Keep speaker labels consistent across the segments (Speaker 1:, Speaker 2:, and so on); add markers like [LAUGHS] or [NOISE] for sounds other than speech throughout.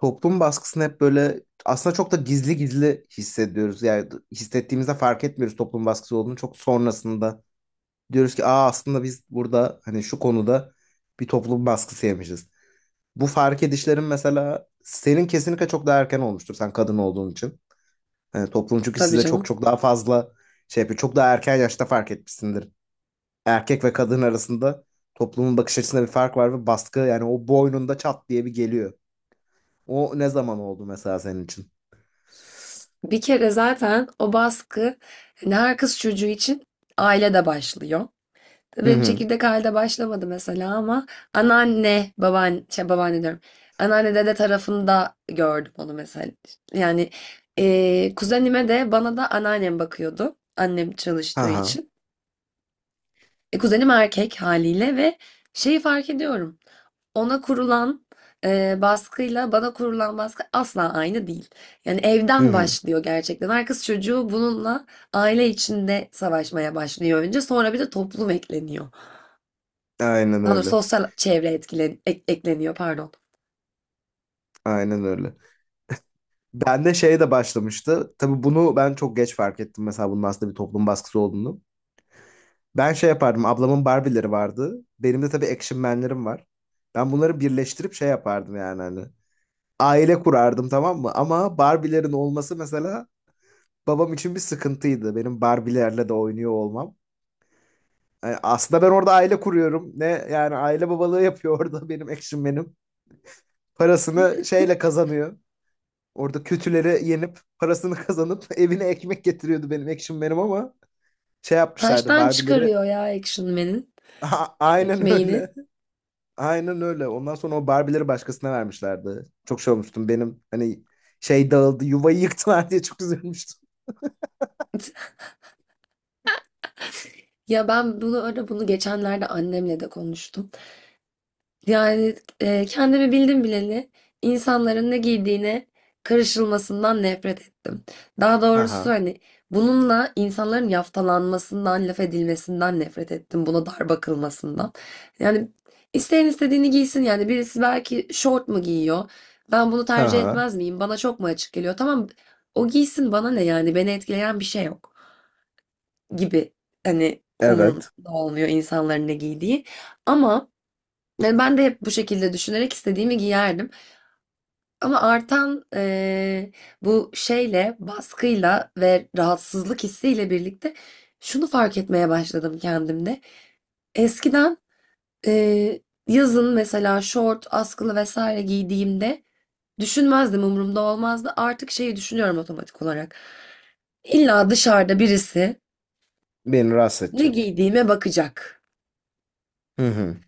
Speaker 1: Toplum baskısını hep böyle aslında çok da gizli gizli hissediyoruz. Yani hissettiğimizde fark etmiyoruz toplum baskısı olduğunu. Çok sonrasında diyoruz ki aslında biz burada hani şu konuda bir toplum baskısı yemişiz. Bu fark edişlerin mesela senin kesinlikle çok daha erken olmuştur sen kadın olduğun için. Yani toplum çünkü
Speaker 2: Tabii
Speaker 1: size çok
Speaker 2: canım.
Speaker 1: çok daha fazla şey yapıyor. Çok daha erken yaşta fark etmişsindir. Erkek ve kadın arasında toplumun bakış açısında bir fark var ve baskı yani o boynunda çat diye bir geliyor. O ne zaman oldu mesela senin için?
Speaker 2: Bir kere zaten o baskı hani her kız çocuğu için ailede başlıyor.
Speaker 1: Hı
Speaker 2: Benim
Speaker 1: hı.
Speaker 2: çekirdek ailede başlamadı mesela ama anneanne, babaanne, babaanne diyorum. Anneanne dede tarafında gördüm onu mesela. Yani kuzenime de bana da anneannem bakıyordu. Annem
Speaker 1: Ha
Speaker 2: çalıştığı
Speaker 1: ha.
Speaker 2: için. Kuzenim erkek haliyle ve şeyi fark ediyorum. Ona kurulan baskıyla bana kurulan baskı asla aynı değil. Yani
Speaker 1: Hı
Speaker 2: evden
Speaker 1: hı.
Speaker 2: başlıyor gerçekten. Her kız çocuğu bununla aile içinde savaşmaya başlıyor önce. Sonra bir de toplum ekleniyor.
Speaker 1: Aynen
Speaker 2: Daha doğrusu
Speaker 1: öyle.
Speaker 2: sosyal çevre ekleniyor pardon.
Speaker 1: Aynen öyle. Ben de şey de başlamıştı. Tabii bunu ben çok geç fark ettim, mesela bunun aslında bir toplum baskısı olduğunu. Ben şey yapardım. Ablamın Barbie'leri vardı. Benim de tabii Action Man'lerim var. Ben bunları birleştirip şey yapardım yani hani. Aile kurardım, tamam mı? Ama Barbie'lerin olması mesela babam için bir sıkıntıydı. Benim Barbie'lerle de oynuyor olmam. Yani aslında ben orada aile kuruyorum. Ne yani aile babalığı yapıyor orada [LAUGHS] benim Action Man'im. Parasını şeyle kazanıyor. Orada kötülere yenip parasını kazanıp [LAUGHS] evine ekmek getiriyordu benim Action Man'im, ama şey yapmışlardı
Speaker 2: Taştan
Speaker 1: Barbie'leri.
Speaker 2: çıkarıyor ya Action Man'in
Speaker 1: [LAUGHS] Aynen
Speaker 2: ekmeğini.
Speaker 1: öyle. [LAUGHS] Aynen öyle. Ondan sonra o Barbie'leri başkasına vermişlerdi. Çok şey olmuştum benim, hani şey dağıldı, yuvayı yıktılar diye çok üzülmüştüm. [LAUGHS]
Speaker 2: [LAUGHS] Ya ben bunu geçenlerde annemle de konuştum. Yani kendimi bildim bileli insanların ne giydiğine karışılmasından nefret ettim. Daha
Speaker 1: Ha ha.
Speaker 2: doğrusu hani bununla insanların yaftalanmasından, laf edilmesinden nefret ettim. Buna dar bakılmasından. Yani isteyen istediğini giysin. Yani birisi belki şort mu giyiyor? Ben bunu
Speaker 1: Ha
Speaker 2: tercih
Speaker 1: ha.
Speaker 2: etmez miyim? Bana çok mu açık geliyor? Tamam o giysin bana ne yani? Beni etkileyen bir şey yok gibi. Hani
Speaker 1: Evet.
Speaker 2: umurumda olmuyor insanların ne giydiği. Ama yani ben de hep bu şekilde düşünerek istediğimi giyerdim. Ama artan baskıyla ve rahatsızlık hissiyle birlikte şunu fark etmeye başladım kendimde. Eskiden eee, yazın mesela şort, askılı vesaire giydiğimde düşünmezdim, umurumda olmazdı. Artık şeyi düşünüyorum otomatik olarak. İlla dışarıda birisi
Speaker 1: Beni rahatsız
Speaker 2: ne
Speaker 1: edecek.
Speaker 2: giydiğime bakacak.
Speaker 1: Hı hı.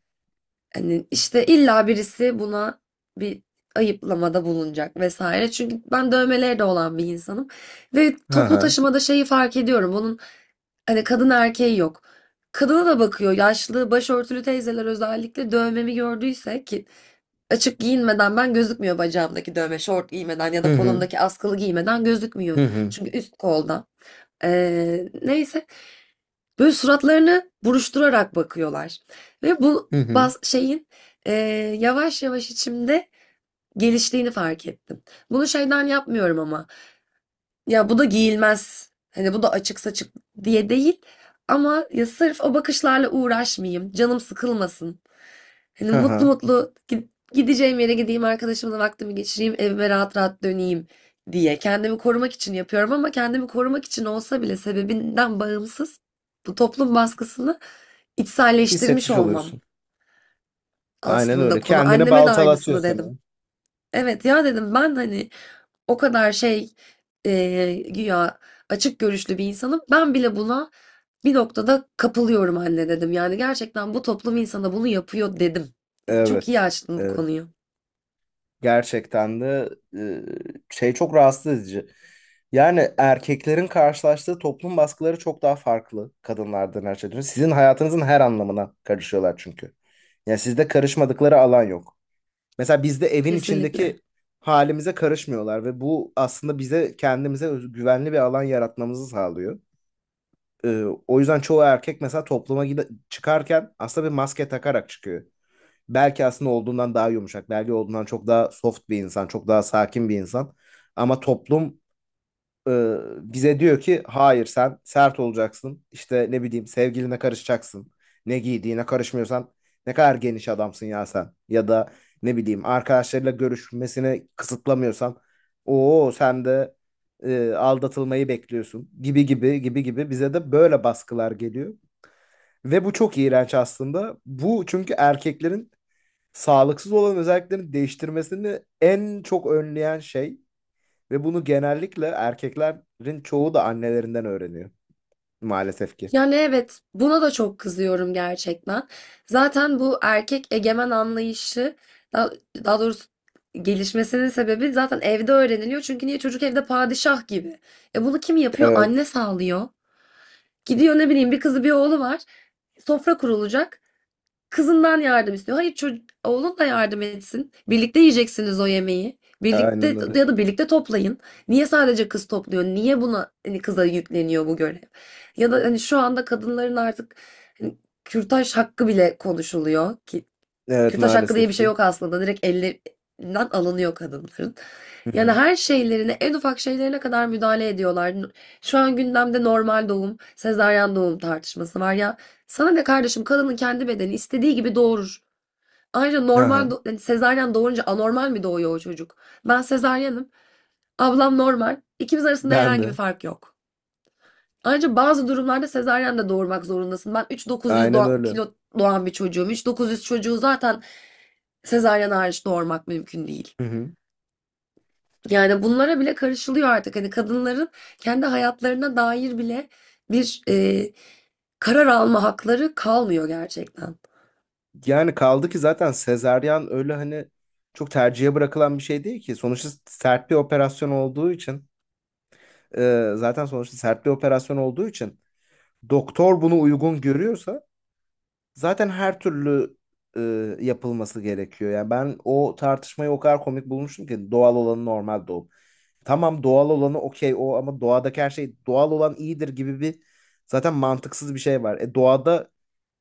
Speaker 2: Hani işte illa birisi buna bir ayıplamada bulunacak vesaire. Çünkü ben dövmeleri de olan bir insanım. Ve
Speaker 1: Ha
Speaker 2: toplu
Speaker 1: ha.
Speaker 2: taşımada şeyi fark ediyorum. Bunun hani kadın erkeği yok. Kadına da bakıyor. Yaşlı başörtülü teyzeler özellikle dövmemi gördüyse ki açık giyinmeden ben gözükmüyor bacağımdaki dövme. Şort giymeden ya
Speaker 1: Hı
Speaker 2: da
Speaker 1: hı.
Speaker 2: kolumdaki askılı giymeden gözükmüyor.
Speaker 1: Hı hı.
Speaker 2: Çünkü üst kolda. Neyse. Böyle suratlarını buruşturarak bakıyorlar. Ve bu
Speaker 1: Hı hı.
Speaker 2: baz şeyin e, yavaş yavaş içimde geliştiğini fark ettim. Bunu şeyden yapmıyorum ama. Ya bu da giyilmez. Hani bu da açık saçık diye değil. Ama ya sırf o bakışlarla uğraşmayayım. Canım sıkılmasın. Hani
Speaker 1: Ha ha.
Speaker 2: mutlu mutlu gideceğim yere gideyim, arkadaşımla vaktimi geçireyim, evime rahat rahat döneyim diye. Kendimi korumak için yapıyorum ama kendimi korumak için olsa bile sebebinden bağımsız bu toplum baskısını içselleştirmiş
Speaker 1: Hissetmiş
Speaker 2: olmam
Speaker 1: oluyorsun. Aynen
Speaker 2: aslında
Speaker 1: öyle.
Speaker 2: konu.
Speaker 1: Kendini
Speaker 2: Anneme de
Speaker 1: baltalatıyor
Speaker 2: aynısını
Speaker 1: sana.
Speaker 2: dedim. Evet ya dedim ben hani o kadar şey güya açık görüşlü bir insanım. Ben bile buna bir noktada kapılıyorum anne dedim. Yani gerçekten bu toplum insana bunu yapıyor dedim. Yani çok iyi
Speaker 1: Evet.
Speaker 2: açtın bu
Speaker 1: Evet.
Speaker 2: konuyu.
Speaker 1: Gerçekten de e, şey çok rahatsız edici. Yani erkeklerin karşılaştığı toplum baskıları çok daha farklı kadınlardan, her şeyden. Sizin hayatınızın her anlamına karışıyorlar çünkü. Yani sizde karışmadıkları alan yok. Mesela bizde evin
Speaker 2: Kesinlikle.
Speaker 1: içindeki halimize karışmıyorlar ve bu aslında bize kendimize güvenli bir alan yaratmamızı sağlıyor. O yüzden çoğu erkek mesela çıkarken aslında bir maske takarak çıkıyor. Belki aslında olduğundan daha yumuşak. Belki olduğundan çok daha soft bir insan. Çok daha sakin bir insan. Ama toplum e, bize diyor ki hayır, sen sert olacaksın. İşte ne bileyim, sevgiline karışacaksın. Ne giydiğine karışmıyorsan ne kadar geniş adamsın ya sen. Ya da ne bileyim arkadaşlarıyla görüşmesini kısıtlamıyorsan o sen de aldatılmayı bekliyorsun, gibi gibi gibi gibi bize de böyle baskılar geliyor. Ve bu çok iğrenç aslında. Bu çünkü erkeklerin sağlıksız olan özelliklerini değiştirmesini en çok önleyen şey, ve bunu genellikle erkeklerin çoğu da annelerinden öğreniyor maalesef ki.
Speaker 2: Yani evet buna da çok kızıyorum gerçekten. Zaten bu erkek egemen anlayışı daha, daha doğrusu gelişmesinin sebebi zaten evde öğreniliyor. Çünkü niye çocuk evde padişah gibi. E bunu kim yapıyor?
Speaker 1: Evet,
Speaker 2: Anne sağlıyor. Gidiyor ne bileyim bir kızı bir oğlu var. Sofra kurulacak. Kızından yardım istiyor. Hayır çocuk, oğlun da yardım etsin. Birlikte yiyeceksiniz o yemeği. Birlikte
Speaker 1: aynen öyle.
Speaker 2: ya da birlikte toplayın. Niye sadece kız topluyor? Niye buna hani kıza yükleniyor bu görev? Ya da hani şu anda kadınların artık hani kürtaj hakkı bile konuşuluyor ki
Speaker 1: Evet,
Speaker 2: kürtaj hakkı diye
Speaker 1: maalesef
Speaker 2: bir şey
Speaker 1: ki.
Speaker 2: yok aslında. Direkt ellerinden alınıyor kadınların.
Speaker 1: Hı
Speaker 2: Yani
Speaker 1: hı.
Speaker 2: her şeylerine, en ufak şeylerine kadar müdahale ediyorlar. Şu an gündemde normal doğum, sezaryen doğum tartışması var ya. Sana ne kardeşim kadının kendi bedeni istediği gibi doğurur. Ayrıca normal
Speaker 1: Aha,
Speaker 2: do yani sezaryen doğurunca anormal mi doğuyor o çocuk? Ben sezaryenim. Ablam normal. İkimiz arasında
Speaker 1: ben
Speaker 2: herhangi bir
Speaker 1: de.
Speaker 2: fark yok. Ayrıca bazı durumlarda sezaryen de doğurmak zorundasın. Ben 3.900
Speaker 1: Aynen öyle.
Speaker 2: kilo doğan bir çocuğum. 3.900 çocuğu zaten sezaryen hariç doğurmak mümkün değil.
Speaker 1: Hı hı.
Speaker 2: Yani bunlara bile karışılıyor artık. Hani kadınların kendi hayatlarına dair bile bir karar alma hakları kalmıyor gerçekten.
Speaker 1: Yani kaldı ki zaten sezaryen öyle hani çok tercihe bırakılan bir şey değil ki. Sonuçta sert bir operasyon olduğu için zaten sonuçta sert bir operasyon olduğu için doktor bunu uygun görüyorsa zaten her türlü e, yapılması gerekiyor. Yani ben o tartışmayı o kadar komik bulmuştum ki, doğal olanı normal doğum. Tamam doğal olanı okey o, ama doğadaki her şey doğal olan iyidir gibi bir zaten mantıksız bir şey var. Doğada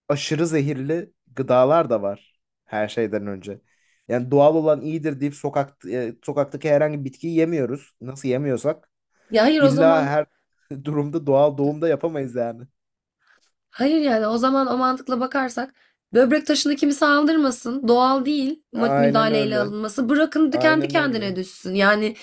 Speaker 1: aşırı zehirli gıdalar da var her şeyden önce. Yani doğal olan iyidir deyip sokaktaki herhangi bir bitkiyi yemiyoruz. Nasıl yemiyorsak
Speaker 2: Ya hayır o
Speaker 1: illa
Speaker 2: zaman
Speaker 1: her [LAUGHS] durumda doğal doğumda yapamayız yani.
Speaker 2: hayır yani o zaman o mantıkla bakarsak böbrek taşını kimse aldırmasın. Doğal değil
Speaker 1: Aynen
Speaker 2: müdahaleyle
Speaker 1: öyle.
Speaker 2: alınması. Bırakın da kendi
Speaker 1: Aynen öyle.
Speaker 2: kendine düşsün. Yani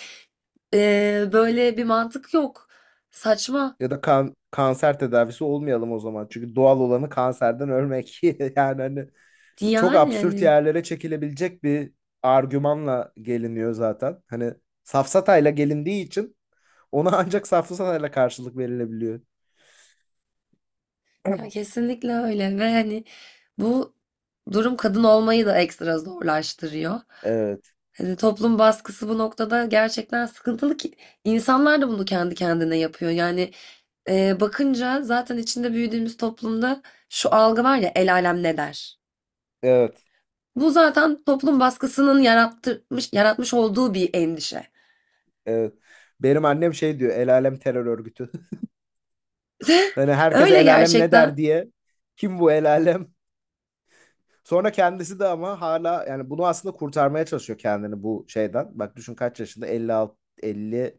Speaker 2: böyle bir mantık yok. Saçma.
Speaker 1: Ya da kan kanser tedavisi olmayalım o zaman. Çünkü doğal olanı kanserden ölmek. [LAUGHS] Yani hani çok
Speaker 2: Yani,
Speaker 1: absürt
Speaker 2: yani
Speaker 1: yerlere çekilebilecek bir argümanla geliniyor zaten. Hani safsatayla gelindiği için ona [LAUGHS] ancak safsatayla karşılık verilebiliyor.
Speaker 2: ya kesinlikle öyle ve hani bu durum kadın olmayı da ekstra zorlaştırıyor.
Speaker 1: Evet,
Speaker 2: Hani toplum baskısı bu noktada gerçekten sıkıntılı ki insanlar da bunu kendi kendine yapıyor. Yani bakınca zaten içinde büyüdüğümüz toplumda şu algı var ya el alem ne der?
Speaker 1: evet,
Speaker 2: Bu zaten toplum baskısının yaratmış olduğu bir endişe.
Speaker 1: evet. Benim annem şey diyor, el alem terör örgütü. [LAUGHS]
Speaker 2: [LAUGHS]
Speaker 1: Hani herkese
Speaker 2: Öyle
Speaker 1: el alem ne der
Speaker 2: gerçekten.
Speaker 1: diye. Kim bu el alem? Sonra kendisi de ama hala yani bunu aslında kurtarmaya çalışıyor kendini bu şeyden. Bak düşün, kaç yaşında? 56, elli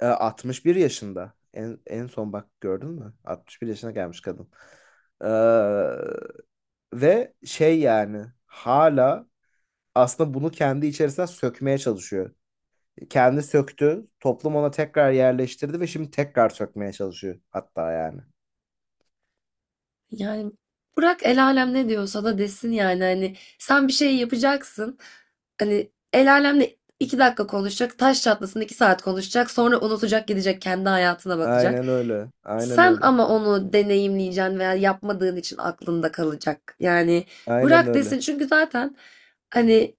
Speaker 1: 61 yaşında. En son bak, gördün mü? 61 yaşına gelmiş kadın. Ee, Ve şey yani hala aslında bunu kendi içerisinden sökmeye çalışıyor. Kendi söktü, toplum ona tekrar yerleştirdi ve şimdi tekrar sökmeye çalışıyor hatta yani.
Speaker 2: Yani bırak el alem ne diyorsa da desin yani hani sen bir şey yapacaksın. Hani el alemle 2 dakika konuşacak, taş çatlasın 2 saat konuşacak, sonra unutacak gidecek kendi hayatına bakacak.
Speaker 1: Aynen öyle. Aynen
Speaker 2: Sen
Speaker 1: öyle.
Speaker 2: ama onu deneyimleyeceksin veya yapmadığın için aklında kalacak. Yani
Speaker 1: Aynen
Speaker 2: bırak
Speaker 1: öyle.
Speaker 2: desin çünkü zaten hani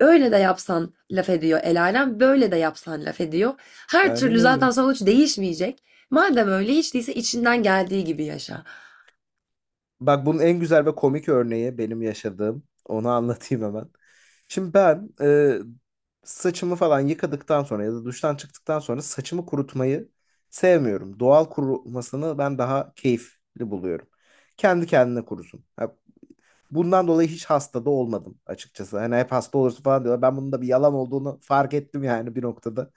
Speaker 2: öyle de yapsan laf ediyor el alem, böyle de yapsan laf ediyor. Her
Speaker 1: Aynen
Speaker 2: türlü
Speaker 1: öyle.
Speaker 2: zaten sonuç değişmeyecek. Madem öyle hiç değilse içinden geldiği gibi yaşa.
Speaker 1: Bak bunun en güzel ve komik örneği benim yaşadığım. Onu anlatayım hemen. Şimdi ben saçımı falan yıkadıktan sonra ya da duştan çıktıktan sonra saçımı kurutmayı sevmiyorum. Doğal kurumasını ben daha keyifli buluyorum. Kendi kendine kurusun. Ha, bundan dolayı hiç hasta da olmadım açıkçası. Hani hep hasta olursun falan diyorlar. Ben bunun da bir yalan olduğunu fark ettim yani bir noktada.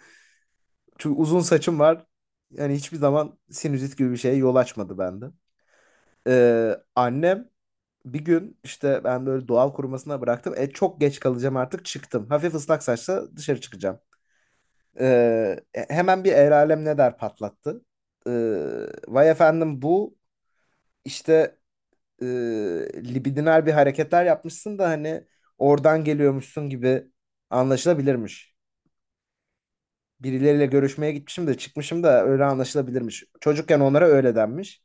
Speaker 1: Çünkü uzun saçım var. Yani hiçbir zaman sinüzit gibi bir şeye yol açmadı bende. Annem bir gün işte, ben böyle doğal kurumasına bıraktım. E çok geç kalacağım, artık çıktım. Hafif ıslak saçla dışarı çıkacağım. Hemen bir el alem ne der patlattı. Vay efendim, bu işte e, libidinal bir hareketler yapmışsın da hani oradan geliyormuşsun gibi anlaşılabilirmiş. Birileriyle görüşmeye gitmişim de çıkmışım da öyle anlaşılabilirmiş. Çocukken onlara öyle denmiş.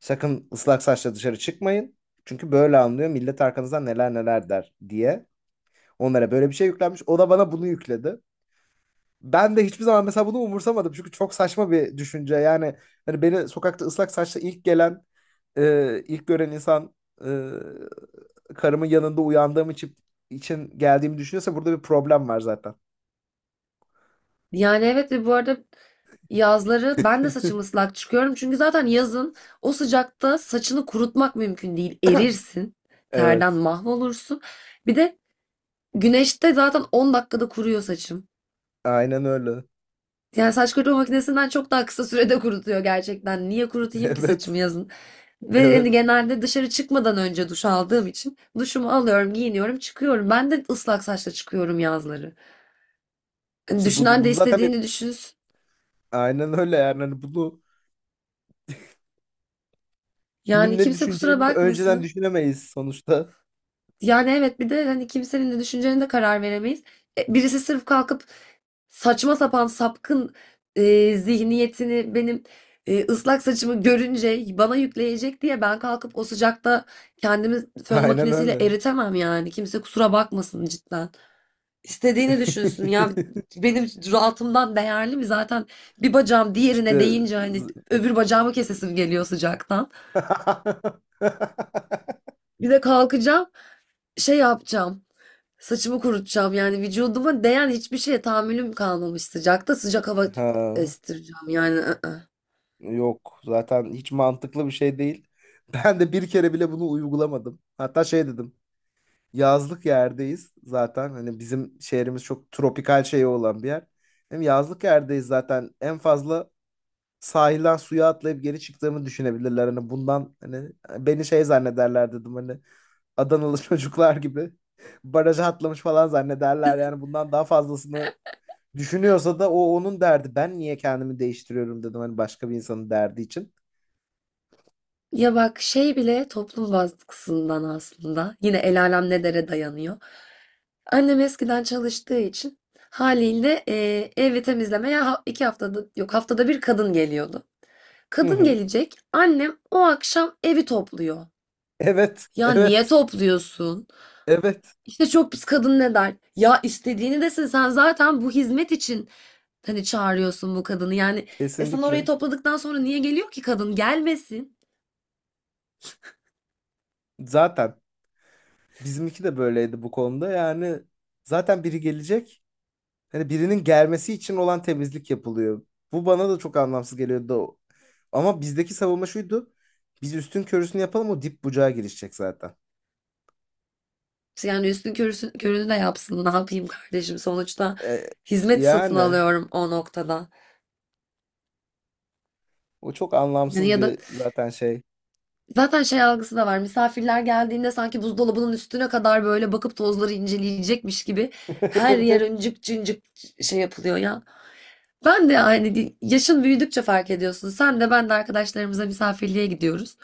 Speaker 1: Sakın ıslak saçla dışarı çıkmayın. Çünkü böyle anlıyor millet, arkanızdan neler neler der diye. Onlara böyle bir şey yüklenmiş. O da bana bunu yükledi. Ben de hiçbir zaman mesela bunu umursamadım. Çünkü çok saçma bir düşünce. Yani hani beni sokakta ıslak saçla ilk gören insan e, karımın yanında uyandığım için geldiğimi düşünüyorsa burada bir problem var zaten.
Speaker 2: Yani evet ve bu arada yazları ben de saçım
Speaker 1: [LAUGHS]
Speaker 2: ıslak çıkıyorum. Çünkü zaten yazın o sıcakta saçını kurutmak mümkün değil. Erirsin. Terden
Speaker 1: Evet.
Speaker 2: mahvolursun. Bir de güneşte zaten 10 dakikada kuruyor saçım.
Speaker 1: Aynen öyle.
Speaker 2: Yani saç kurutma makinesinden çok daha kısa sürede kurutuyor gerçekten. Niye
Speaker 1: [LAUGHS]
Speaker 2: kurutayım ki
Speaker 1: Evet.
Speaker 2: saçımı yazın? Ve hani
Speaker 1: Evet.
Speaker 2: genelde dışarı çıkmadan önce duş aldığım için duşumu alıyorum, giyiniyorum, çıkıyorum. Ben de ıslak saçla çıkıyorum yazları. Hani,
Speaker 1: İşte bu,
Speaker 2: düşünen
Speaker 1: bu
Speaker 2: de
Speaker 1: zaten bir-
Speaker 2: istediğini düşünsün.
Speaker 1: aynen öyle yani. Hani bunu kimin
Speaker 2: Yani
Speaker 1: ne
Speaker 2: kimse kusura
Speaker 1: düşüneceğini önceden
Speaker 2: bakmasın.
Speaker 1: düşünemeyiz sonuçta.
Speaker 2: Yani evet bir de hani kimsenin de düşüncelerine de karar veremeyiz. Birisi sırf kalkıp saçma sapan sapkın zihniyetini benim ıslak saçımı görünce bana yükleyecek diye ben kalkıp o sıcakta kendimi fön
Speaker 1: Aynen
Speaker 2: makinesiyle
Speaker 1: öyle.
Speaker 2: eritemem yani. Kimse kusura bakmasın cidden. İstediğini düşünsün ya
Speaker 1: [LAUGHS]
Speaker 2: benim rahatımdan değerli mi zaten bir bacağım diğerine
Speaker 1: İşte
Speaker 2: değince hani öbür bacağımı kesesim geliyor sıcaktan.
Speaker 1: [LAUGHS]
Speaker 2: Bir de kalkacağım. Şey yapacağım. Saçımı kurutacağım yani vücuduma değen hiçbir şeye tahammülüm kalmamış sıcakta sıcak hava
Speaker 1: Ha,
Speaker 2: estireceğim yani. I-ı.
Speaker 1: yok zaten hiç mantıklı bir şey değil. Ben de bir kere bile bunu uygulamadım. Hatta şey dedim. Yazlık yerdeyiz zaten. Hani bizim şehrimiz çok tropikal şeyi olan bir yer. Hem yazlık yerdeyiz zaten. En fazla sahilden suya atlayıp geri çıktığımı düşünebilirler. Hani bundan hani beni şey zannederler dedim. Hani Adanalı [LAUGHS] çocuklar gibi baraja atlamış falan zannederler. Yani bundan daha fazlasını düşünüyorsa da o onun derdi. Ben niye kendimi değiştiriyorum, dedim, hani başka bir insanın derdi için.
Speaker 2: Ya bak şey bile toplum baskısından aslında yine el alem ne dere dayanıyor. Annem eskiden çalıştığı için haliyle evi temizlemeye 2 haftada yok haftada bir kadın geliyordu.
Speaker 1: Hı
Speaker 2: Kadın
Speaker 1: hı.
Speaker 2: gelecek annem o akşam evi topluyor.
Speaker 1: Evet,
Speaker 2: Ya niye
Speaker 1: evet,
Speaker 2: topluyorsun?
Speaker 1: evet.
Speaker 2: İşte çok pis kadın ne der? Ya istediğini desin sen zaten bu hizmet için hani çağırıyorsun bu kadını. Yani e sen orayı
Speaker 1: Kesinlikle.
Speaker 2: topladıktan sonra niye geliyor ki kadın? Gelmesin.
Speaker 1: Zaten bizimki de böyleydi bu konuda. Yani zaten biri gelecek. Hani birinin gelmesi için olan temizlik yapılıyor. Bu bana da çok anlamsız geliyordu. Ama bizdeki savunma şuydu. Biz üstün körüsünü yapalım, o dip bucağa girişecek zaten.
Speaker 2: Yani körünü de yapsın. Ne yapayım kardeşim? Sonuçta
Speaker 1: E,
Speaker 2: hizmet satın
Speaker 1: Yani
Speaker 2: alıyorum o noktada.
Speaker 1: o çok
Speaker 2: Yani
Speaker 1: anlamsız
Speaker 2: ya da
Speaker 1: bir zaten şey.
Speaker 2: zaten şey algısı da var. Misafirler geldiğinde sanki buzdolabının üstüne kadar böyle bakıp tozları inceleyecekmiş gibi
Speaker 1: [LAUGHS]
Speaker 2: her yer
Speaker 1: Evet.
Speaker 2: öncük cıncık şey yapılıyor ya. Ben de yani yaşın büyüdükçe fark ediyorsun. Sen de ben de arkadaşlarımıza misafirliğe gidiyoruz.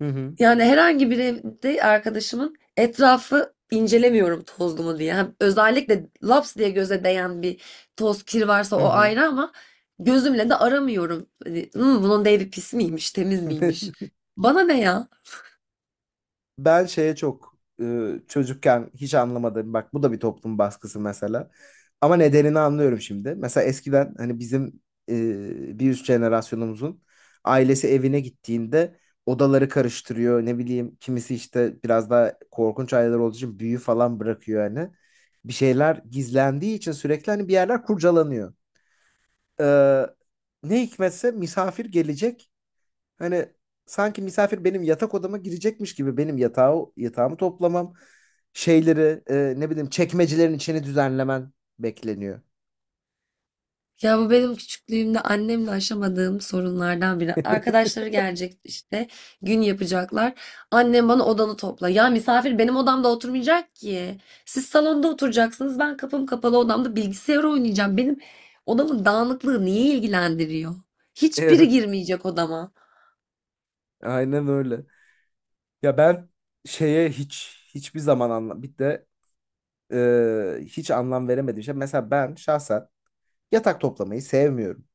Speaker 1: Hı hı.
Speaker 2: Yani herhangi bir evde arkadaşımın etrafı incelemiyorum tozlu mu diye. Hem özellikle laps diye göze değen bir toz kir varsa o
Speaker 1: Hı
Speaker 2: ayrı ama gözümle de aramıyorum. Hani, "Hmm, bunun da evi pis miymiş, temiz
Speaker 1: hı.
Speaker 2: miymiş?
Speaker 1: [LAUGHS]
Speaker 2: Bana ne ya?
Speaker 1: Ben şeye çok çocukken hiç anlamadım. Bak bu da bir toplum baskısı mesela. Ama nedenini anlıyorum şimdi. Mesela eskiden hani bizim bir üst jenerasyonumuzun ailesi evine gittiğinde odaları karıştırıyor. Ne bileyim kimisi işte biraz daha korkunç aileler olduğu için büyü falan bırakıyor hani. Bir şeyler gizlendiği için sürekli hani bir yerler kurcalanıyor. Ee, Ne hikmetse misafir gelecek, hani sanki misafir benim yatak odama girecekmiş gibi benim yatağımı toplamam, şeyleri ne bileyim çekmecelerin içini düzenlemen bekleniyor.
Speaker 2: Ya bu benim küçüklüğümde annemle aşamadığım sorunlardan biri.
Speaker 1: [LAUGHS]
Speaker 2: Arkadaşları gelecek işte gün yapacaklar. Annem bana odanı topla. Ya misafir benim odamda oturmayacak ki. Siz salonda oturacaksınız. Ben kapım kapalı odamda bilgisayar oynayacağım. Benim odamın dağınıklığı niye ilgilendiriyor? Hiçbiri
Speaker 1: Evet,
Speaker 2: girmeyecek odama.
Speaker 1: aynen öyle. Ya ben şeye hiç hiçbir zaman anlam, bir de hiç anlam veremedim. Şey mesela, ben şahsen yatak toplamayı sevmiyorum.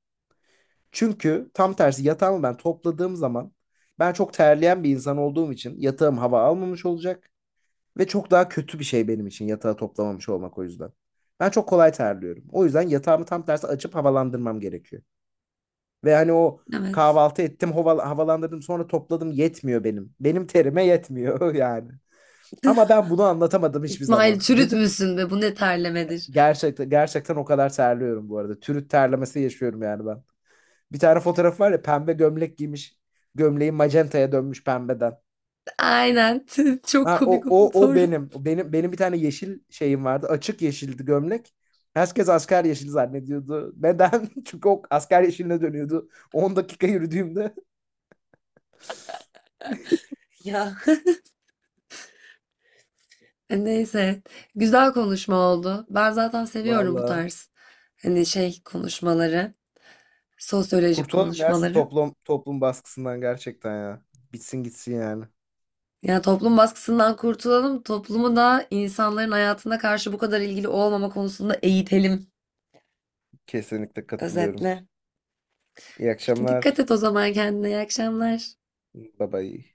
Speaker 1: Çünkü tam tersi yatağımı ben topladığım zaman, ben çok terleyen bir insan olduğum için yatağım hava almamış olacak. Ve çok daha kötü bir şey benim için yatağı toplamamış olmak o yüzden. Ben çok kolay terliyorum. O yüzden yatağımı tam tersi açıp havalandırmam gerekiyor. Ve hani o
Speaker 2: Evet.
Speaker 1: kahvaltı ettim, havalandırdım, sonra topladım yetmiyor benim. Benim terime yetmiyor [LAUGHS] yani. Ama ben bunu anlatamadım hiçbir
Speaker 2: İsmail
Speaker 1: zaman. Dedim.
Speaker 2: çürütmüşsün be bu ne terlemedir.
Speaker 1: Gerçekten gerçekten o kadar terliyorum bu arada. Türüt terlemesi yaşıyorum yani ben. Bir tane fotoğraf var ya pembe gömlek giymiş. Gömleği macentaya dönmüş pembeden.
Speaker 2: Aynen. [LAUGHS] Çok
Speaker 1: Ha, o,
Speaker 2: komik o
Speaker 1: o, o
Speaker 2: fotoğraf.
Speaker 1: benim. O benim, benim bir tane yeşil şeyim vardı. Açık yeşildi gömlek. Herkes asker yeşili zannediyordu. Neden? [LAUGHS] Çünkü o asker yeşiline dönüyordu 10 dakika yürüdüğümde.
Speaker 2: Ya. Neyse, güzel konuşma oldu. Ben
Speaker 1: [LAUGHS]
Speaker 2: zaten seviyorum bu
Speaker 1: Vallahi.
Speaker 2: tarz hani şey konuşmaları, sosyolojik
Speaker 1: Kurtulalım ya şu
Speaker 2: konuşmaları.
Speaker 1: toplum baskısından gerçekten ya. Bitsin gitsin yani.
Speaker 2: Yani toplum baskısından kurtulalım, toplumu da insanların hayatına karşı bu kadar ilgili olmama konusunda eğitelim
Speaker 1: Kesinlikle katılıyorum.
Speaker 2: özetle.
Speaker 1: İyi
Speaker 2: Peki dikkat
Speaker 1: akşamlar.
Speaker 2: et o zaman kendine. İyi akşamlar.
Speaker 1: Bye bye.